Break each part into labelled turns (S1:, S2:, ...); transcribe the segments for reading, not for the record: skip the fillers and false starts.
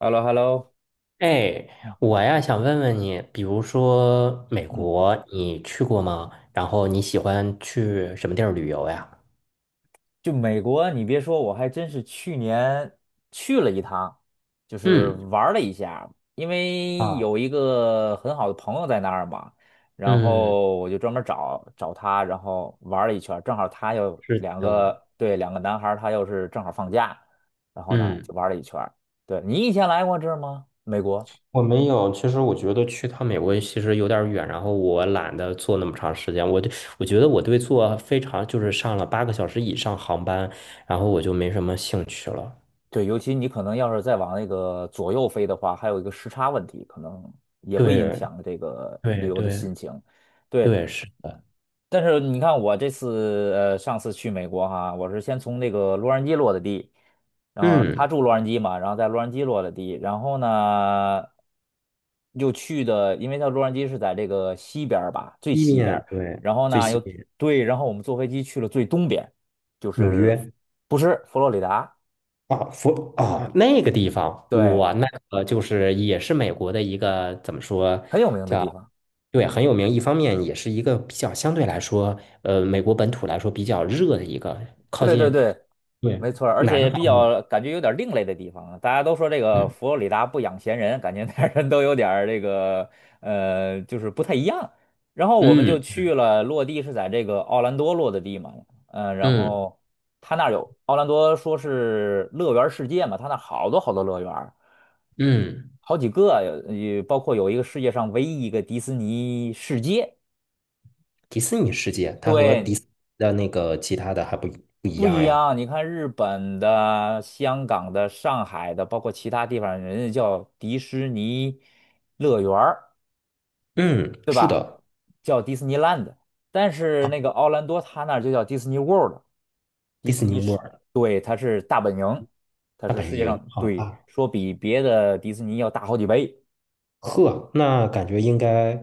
S1: h e l l o h e l l o
S2: 哎，
S1: 哎。
S2: 我呀想问问你，比如说美
S1: 嗯，
S2: 国，你去过吗？然后你喜欢去什么地儿旅游呀？
S1: 就美国，你别说，我还真是去年去了一趟，就是
S2: 嗯
S1: 玩儿了一下，因为
S2: 啊，
S1: 有一个很好的朋友在那儿嘛，然
S2: 嗯，
S1: 后我就专门找他，然后玩儿了一圈儿，正好他又
S2: 是
S1: 两
S2: 的。
S1: 个，对，两个男孩儿他又是正好放假，然后呢
S2: 嗯，
S1: 就玩儿了一圈儿。对，你以前来过这儿吗？美国？
S2: 我没有。其实我觉得去趟美国其实有点儿远，然后我懒得坐那么长时间。我觉得我对坐非常就是上了8个小时以上航班，然后我就没什么兴趣了。
S1: 对，尤其你可能要是再往那个左右飞的话，还有一个时差问题，可能也会影
S2: 对，
S1: 响这个旅
S2: 对，
S1: 游的
S2: 对，
S1: 心情。对，
S2: 对，是的。
S1: 但是你看我这次上次去美国哈，我是先从那个洛杉矶落的地，然后他
S2: 嗯，
S1: 住洛杉矶嘛，然后在洛杉矶落的地，然后呢又去的，因为他洛杉矶是在这个西边儿吧，最
S2: 西
S1: 西边
S2: 边，
S1: 儿，
S2: 对，
S1: 然后
S2: 最
S1: 呢
S2: 西
S1: 又，
S2: 边。
S1: 对，然后我们坐飞机去了最东边，就
S2: 纽
S1: 是，
S2: 约。
S1: 不是，佛罗里达。
S2: 啊，佛啊，那个地方，
S1: 对，
S2: 我那个就是也是美国的一个怎么说
S1: 很有名的地
S2: 叫。
S1: 方。
S2: 对，很有名。一方面也是一个比较相对来说，美国本土来说比较热的一个靠
S1: 对对
S2: 近。
S1: 对，
S2: 对，
S1: 没错儿，而且
S2: 南
S1: 也比
S2: 方嘛。
S1: 较感觉有点儿另类的地方啊。大家都说这个
S2: 嗯
S1: 佛罗里达不养闲人，感觉那儿人都有点儿这个就是不太一样。然后我们就
S2: 嗯
S1: 去了，落地是在这个奥兰多落的地嘛，嗯、然
S2: 嗯
S1: 后他那儿有，奥兰多说是乐园世界嘛，他那儿好多好多乐园儿，
S2: 嗯。
S1: 好几个，有，也包括有一个世界上唯一一个迪士尼世界。
S2: 迪士尼世界，它和迪
S1: 对，
S2: 斯的那个其他的还不一
S1: 不一
S2: 样呀。
S1: 样，你看日本的、香港的、上海的，包括其他地方，人家叫迪士尼乐园儿，
S2: 嗯，是的。
S1: 叫迪士尼 l a n d, 但是那个奥兰多他那儿就叫迪士尼 World,
S2: 迪
S1: 迪士
S2: 士尼
S1: 尼是，
S2: World
S1: 对，它是大本营，它
S2: 大
S1: 是
S2: 本
S1: 世界
S2: 营，
S1: 上，
S2: 好
S1: 对，
S2: 啊。
S1: 说比别的迪士尼要大好几倍，
S2: 呵，那感觉应该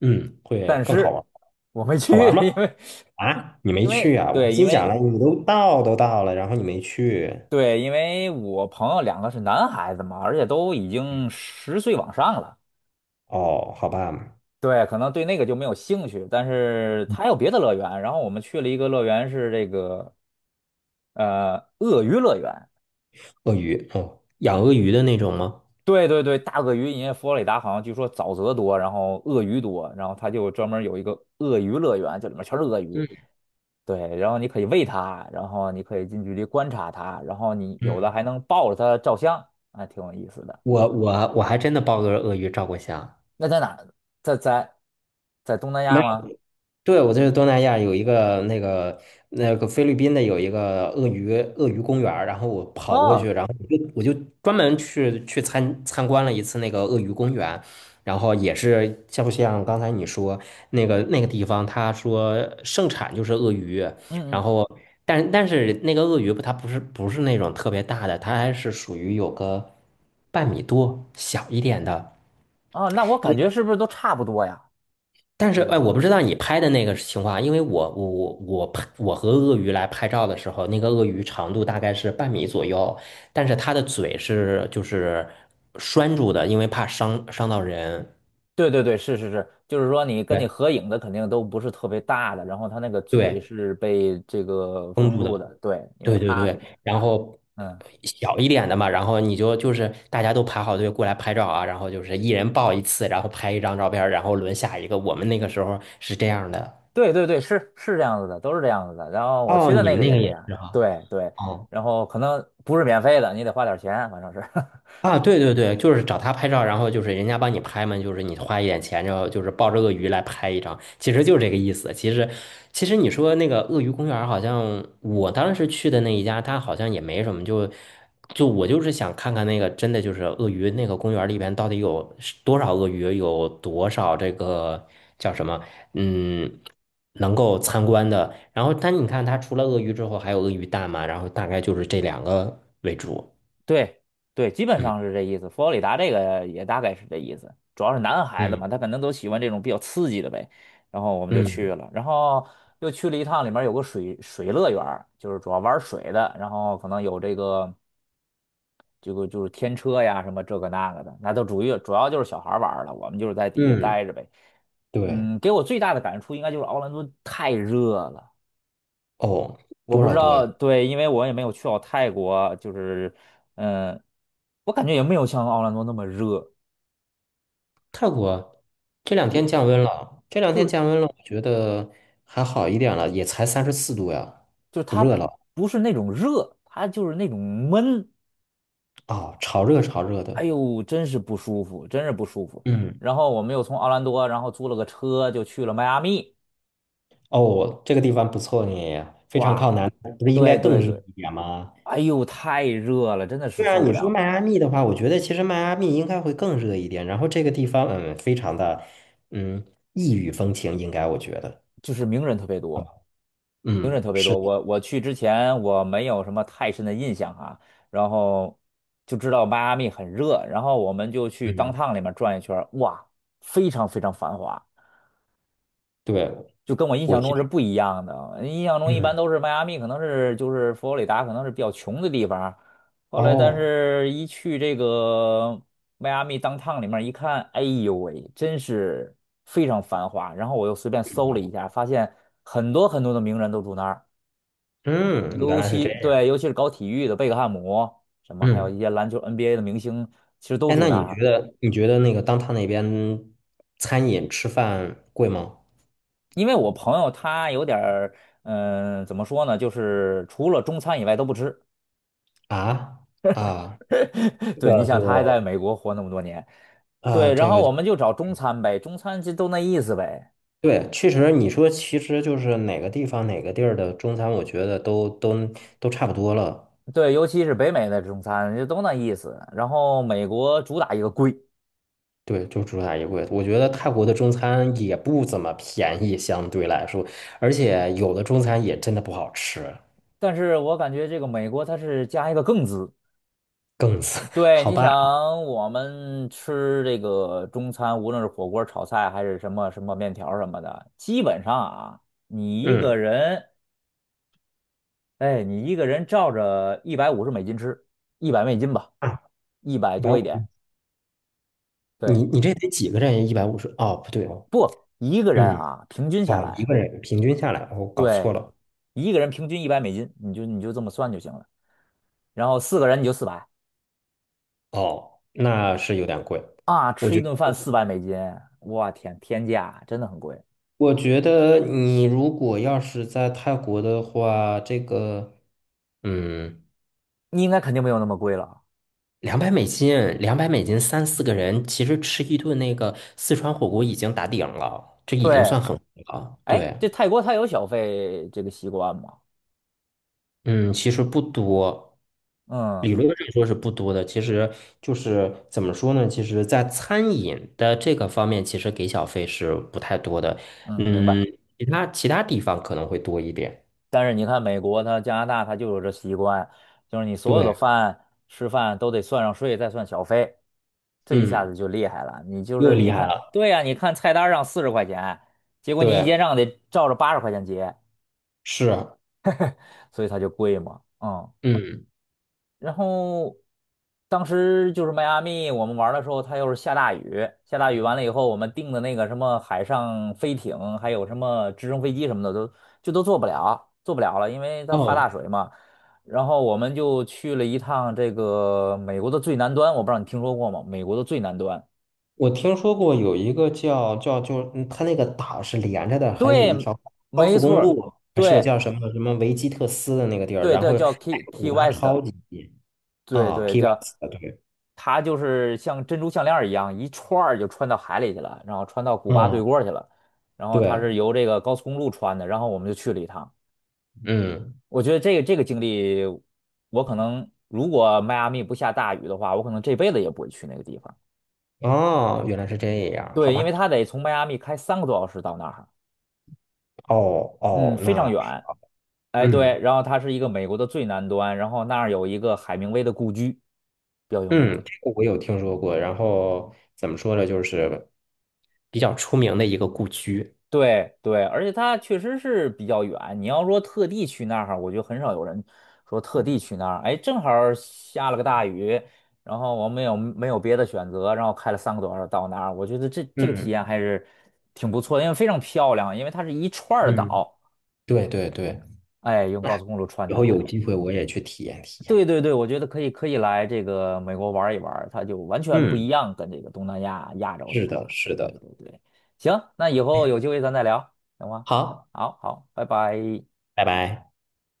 S2: 会
S1: 但
S2: 更好
S1: 是
S2: 玩。
S1: 我没
S2: 好
S1: 去，
S2: 玩 吗？
S1: 因为，
S2: 啊，你没
S1: 因
S2: 去
S1: 为
S2: 啊？我
S1: 对，因
S2: 心想
S1: 为
S2: 了，你都到了，然后你没去。
S1: 对，因为我朋友两个是男孩子嘛，而且都已经10岁往上了。
S2: 哦，好吧。
S1: 对，可能对那个就没有兴趣，但是它还有别的乐园。然后我们去了一个乐园，是这个鳄鱼乐园。
S2: 鳄鱼，哦，养鳄鱼的那种吗？
S1: 对对对，大鳄鱼，因为佛罗里达好像据说沼泽多，然后鳄鱼多，然后它就专门有一个鳄鱼乐园，这里面全是鳄鱼。
S2: 嗯
S1: 对，然后你可以喂它，然后你可以近距离观察它，然后你有的
S2: 嗯，
S1: 还能抱着它照相，还挺有意思的。
S2: 我还真的抱个鳄鱼照过相。
S1: 那在哪儿？在在东南
S2: 没
S1: 亚吗？
S2: 对，我这是东南亚有一个那个菲律宾的有一个鳄鱼公园儿，然后我跑过去，
S1: 哦，
S2: 然后我就专门去参观了一次那个鳄鱼公园。然后也是像不像刚才你说那个地方，他说盛产就是鳄鱼。
S1: 嗯
S2: 然
S1: 嗯，
S2: 后但是那个鳄鱼不它不是不是那种特别大的，它还是属于有个半米多小一点的。
S1: 哦，那我感觉是不是都差不多呀？
S2: 但是，
S1: 各有
S2: 哎，
S1: 各
S2: 我不
S1: 样。
S2: 知道你拍的那个情况啊，因为我拍我和鳄鱼来拍照的时候，那个鳄鱼长度大概是半米左右，但是它的嘴是就是拴住的，因为怕伤到人。
S1: 对对对，是是是，就是说你跟
S2: 对
S1: 你合影的肯定都不是特别大的，然后他那个嘴
S2: 对，
S1: 是被这个
S2: 封
S1: 封
S2: 住的。
S1: 住的，对，因为
S2: 对对
S1: 他，
S2: 对。然后
S1: 嗯，
S2: 小一点的嘛，然后你就就是大家都排好队过来拍照啊，然后就是一人抱一次，然后拍一张照片儿，然后轮下一个。我们那个时候是这样的。
S1: 对对对，是是这样子的，都是这样子的。然后我
S2: 哦，
S1: 去的
S2: 你
S1: 那
S2: 们
S1: 个
S2: 那
S1: 也
S2: 个
S1: 是这
S2: 也
S1: 样，
S2: 是哈。
S1: 对对，
S2: 哦
S1: 然后可能不是免费的，你得花点钱，反正是。
S2: 啊，对对对，就是找他拍照，然后就是人家帮你拍嘛，就是你花一点钱，然后就是抱着鳄鱼来拍一张，其实就是这个意思。其实，其实你说那个鳄鱼公园，好像我当时去的那一家，它好像也没什么，就我就是想看看那个真的就是鳄鱼那个公园里边到底有是多少鳄鱼，有多少这个叫什么，嗯，能够参观的。然后，但你看它除了鳄鱼之后还有鳄鱼蛋嘛，然后大概就是这两个为主。
S1: 对对，基本
S2: 嗯
S1: 上是这意思。佛罗里达这个也大概是这意思，主要是男孩子
S2: 嗯
S1: 嘛，他可能都喜欢这种比较刺激的呗。然后我们就去
S2: 嗯。
S1: 了，然后又去了一趟，里面有个水乐园儿，就是主要玩水的，然后可能有这个，就是天车呀什么这个那个的，那都主要就是小孩玩儿了，我们就是在底下
S2: 嗯，
S1: 待着呗。
S2: 对，
S1: 嗯，给我最大的感触应该就是奥兰多太热了。
S2: 哦，
S1: 我
S2: 多
S1: 不知
S2: 少度
S1: 道，
S2: 呀？
S1: 对，因为我也没有去到泰国，就是，嗯，我感觉也没有像奥兰多那么热，
S2: 泰国这两天
S1: 就
S2: 降温了，这两
S1: 就
S2: 天
S1: 是
S2: 降温了，我觉得还好一点了，也才34度呀，
S1: 就是
S2: 不
S1: 它
S2: 热了。
S1: 不是那种热，它就是那种闷，
S2: 啊，潮热潮热
S1: 哎
S2: 的。
S1: 呦，真是不舒服，真是不舒服。
S2: 嗯，
S1: 然后我们又从奥兰多，然后租了个车就去了迈阿密，
S2: 哦，这个地方不错呢，非常靠
S1: 哇，
S2: 南，不是应该
S1: 对
S2: 更
S1: 对
S2: 热
S1: 对，
S2: 一点吗？
S1: 哎呦，太热了，真的是
S2: 对啊，
S1: 受不
S2: 你说
S1: 了，
S2: 迈阿密的话，我觉得其实迈阿密应该会更热一点，然后这个地方，嗯，非常的，嗯，异域风情，应该我觉得。
S1: 就是名人特别多。名人
S2: 嗯，
S1: 特别
S2: 是
S1: 多，
S2: 的。
S1: 我去之前我没有什么太深的印象哈，然后就知道迈阿密很热，然后我们就去
S2: 嗯，
S1: downtown 里面转一圈儿，哇，非常非常繁华，
S2: 对，
S1: 就跟我印
S2: 我
S1: 象
S2: 其
S1: 中是
S2: 实。
S1: 不一样的。印象中一般
S2: 嗯。
S1: 都是迈阿密可能是，就是佛罗里达可能是比较穷的地方，后来但
S2: 哦。
S1: 是一去这个迈阿密 downtown 里面一看，哎呦喂，真是非常繁华。然后我又随便搜了一
S2: 哦
S1: 下，发现很多很多的名人都住那儿。
S2: 嗯，原
S1: 尤
S2: 来是这
S1: 其
S2: 样。
S1: 对，尤其是搞体育的贝克汉姆，什么还有一
S2: 嗯，
S1: 些篮球 NBA 的明星，其实都
S2: 哎，
S1: 住
S2: 那
S1: 那
S2: 你觉
S1: 儿。
S2: 得你觉得那个当他那边餐饮吃饭贵吗？
S1: 因为我朋友他有点儿，嗯、怎么说呢，就是除了中餐以外都不吃。
S2: 啊。啊，这
S1: 对，你
S2: 个
S1: 想他还在
S2: 就。
S1: 美国活那么多年，
S2: 啊，
S1: 对，然
S2: 这
S1: 后
S2: 个就。
S1: 我们就找中餐呗，中餐就都那意思呗。
S2: 对，确实你说其实就是哪个地方哪个地儿的中餐，我觉得都都差不多了。
S1: 对，尤其是北美的中餐就都那意思。然后美国主打一个贵，
S2: 对，就主打一贵。我觉得泰国的中餐也不怎么便宜，相对来说，而且有的中餐也真的不好吃。
S1: 但是我感觉这个美国它是加一个更字。
S2: 更次，
S1: 对，
S2: 好
S1: 你
S2: 吧？
S1: 想我们吃这个中餐，无论是火锅、炒菜还是什么什么面条什么的，基本上啊，你一
S2: 嗯。
S1: 个人，哎，你一个人照着150美金吃，一百美金吧，
S2: 啊，
S1: 一百
S2: 一百
S1: 多
S2: 五。
S1: 一点。
S2: 你
S1: 对，
S2: 你这得几个人？150？哦，不对哦。
S1: 不，一个人
S2: 嗯，
S1: 啊，平均下
S2: 哦，一
S1: 来，
S2: 个人平均下来，我搞错
S1: 对，
S2: 了。
S1: 一个人平均一百美金，你就这么算就行了。然后4个人你就四百，
S2: 哦，那是有点贵。
S1: 啊，
S2: 我
S1: 吃一
S2: 觉得，
S1: 顿饭400美金，我天，天价，真的很贵。
S2: 我觉得你如果要是在泰国的话，这个，嗯，
S1: 你应该肯定没有那么贵了。
S2: 两百美金，两百美金三四个人，其实吃一顿那个四川火锅已经打顶了，这已经算
S1: 对。
S2: 很贵了。
S1: 哎，
S2: 对。
S1: 这泰国它有小费这个习惯吗？
S2: 嗯，其实不多，
S1: 嗯
S2: 理论上说是不多的。其实就是怎么说呢？其实，在餐饮的这个方面，其实给小费是不太多的。
S1: 嗯，明白。
S2: 嗯，其他地方可能会多一点。
S1: 但是你看美国它、加拿大它就有这习惯，就是你所有的
S2: 对。
S1: 饭吃饭都得算上税，再算小费，这一下
S2: 嗯，
S1: 子就厉害了。你就
S2: 又
S1: 是你
S2: 厉害
S1: 看，
S2: 了。
S1: 对呀、你看菜单上40块钱，结果你一
S2: 对，
S1: 结账得照着80块钱结，
S2: 是。
S1: 所以它就贵嘛。嗯，
S2: 嗯，
S1: 然后当时就是迈阿密，我们玩儿的时候，它又是下大雨，下大雨完了以后，我们订的那个什么海上飞艇，还有什么直升飞机什么的，都就都做不了，做不了了，因为它发大
S2: 哦，
S1: 水嘛。然后我们就去了一趟这个美国的最南端，我不知道你听说过吗？美国的最南端，
S2: 我听说过有一个叫就，嗯它那个岛是连着的，还有
S1: 对，
S2: 一条高
S1: 没
S2: 速
S1: 错
S2: 公
S1: 儿，
S2: 路，还是
S1: 对
S2: 叫什么什么维基特斯的那个地儿，
S1: 对
S2: 然
S1: 对，
S2: 后
S1: 叫 Key Key
S2: 古巴
S1: West，
S2: 超级近。
S1: 对
S2: 啊
S1: 对
S2: ，Key
S1: 叫。
S2: West,对。
S1: 它就是像珍珠项链儿一样，一串儿就穿到海里去了，然后穿到古巴对
S2: 嗯，
S1: 过儿去了。然后它
S2: 对，
S1: 是由这个高速公路穿的，然后我们就去了一趟。
S2: 嗯。
S1: 我觉得这个经历，我可能如果迈阿密不下大雨的话，我可能这辈子也不会去那个地方。
S2: 哦，原来是这样，好
S1: 对，因为
S2: 吧。
S1: 它得从迈阿密开三个多小时到那儿，
S2: 哦
S1: 嗯，
S2: 哦，
S1: 非常
S2: 那，
S1: 远。哎，对，
S2: 嗯
S1: 然后它是一个美国的最南端，然后那儿有一个海明威的故居，比较有名。
S2: 嗯，这个我有听说过，然后怎么说呢，就是比较出名的一个故居。
S1: 对对，而且它确实是比较远。你要说特地去那儿，我觉得很少有人说特地去那儿。哎，正好儿下了个大雨，然后我没有别的选择，然后开了三个多小时到那儿。我觉得这个体
S2: 嗯
S1: 验还是挺不错的，因为非常漂亮，因为它是一串儿
S2: 嗯，
S1: 岛，
S2: 对对对。
S1: 哎，用高速公路串
S2: 以
S1: 起来
S2: 后有
S1: 的。
S2: 机会我也去体验体验。
S1: 对对对，我觉得可以来这个美国玩一玩，它就完全不一
S2: 嗯，
S1: 样，跟这个东南亚、亚洲这
S2: 是
S1: 块
S2: 的，
S1: 儿。
S2: 是
S1: 对
S2: 的。
S1: 对对，行，那以后有机会咱再聊，行吗？
S2: 好，
S1: 好好，拜拜。
S2: 拜拜。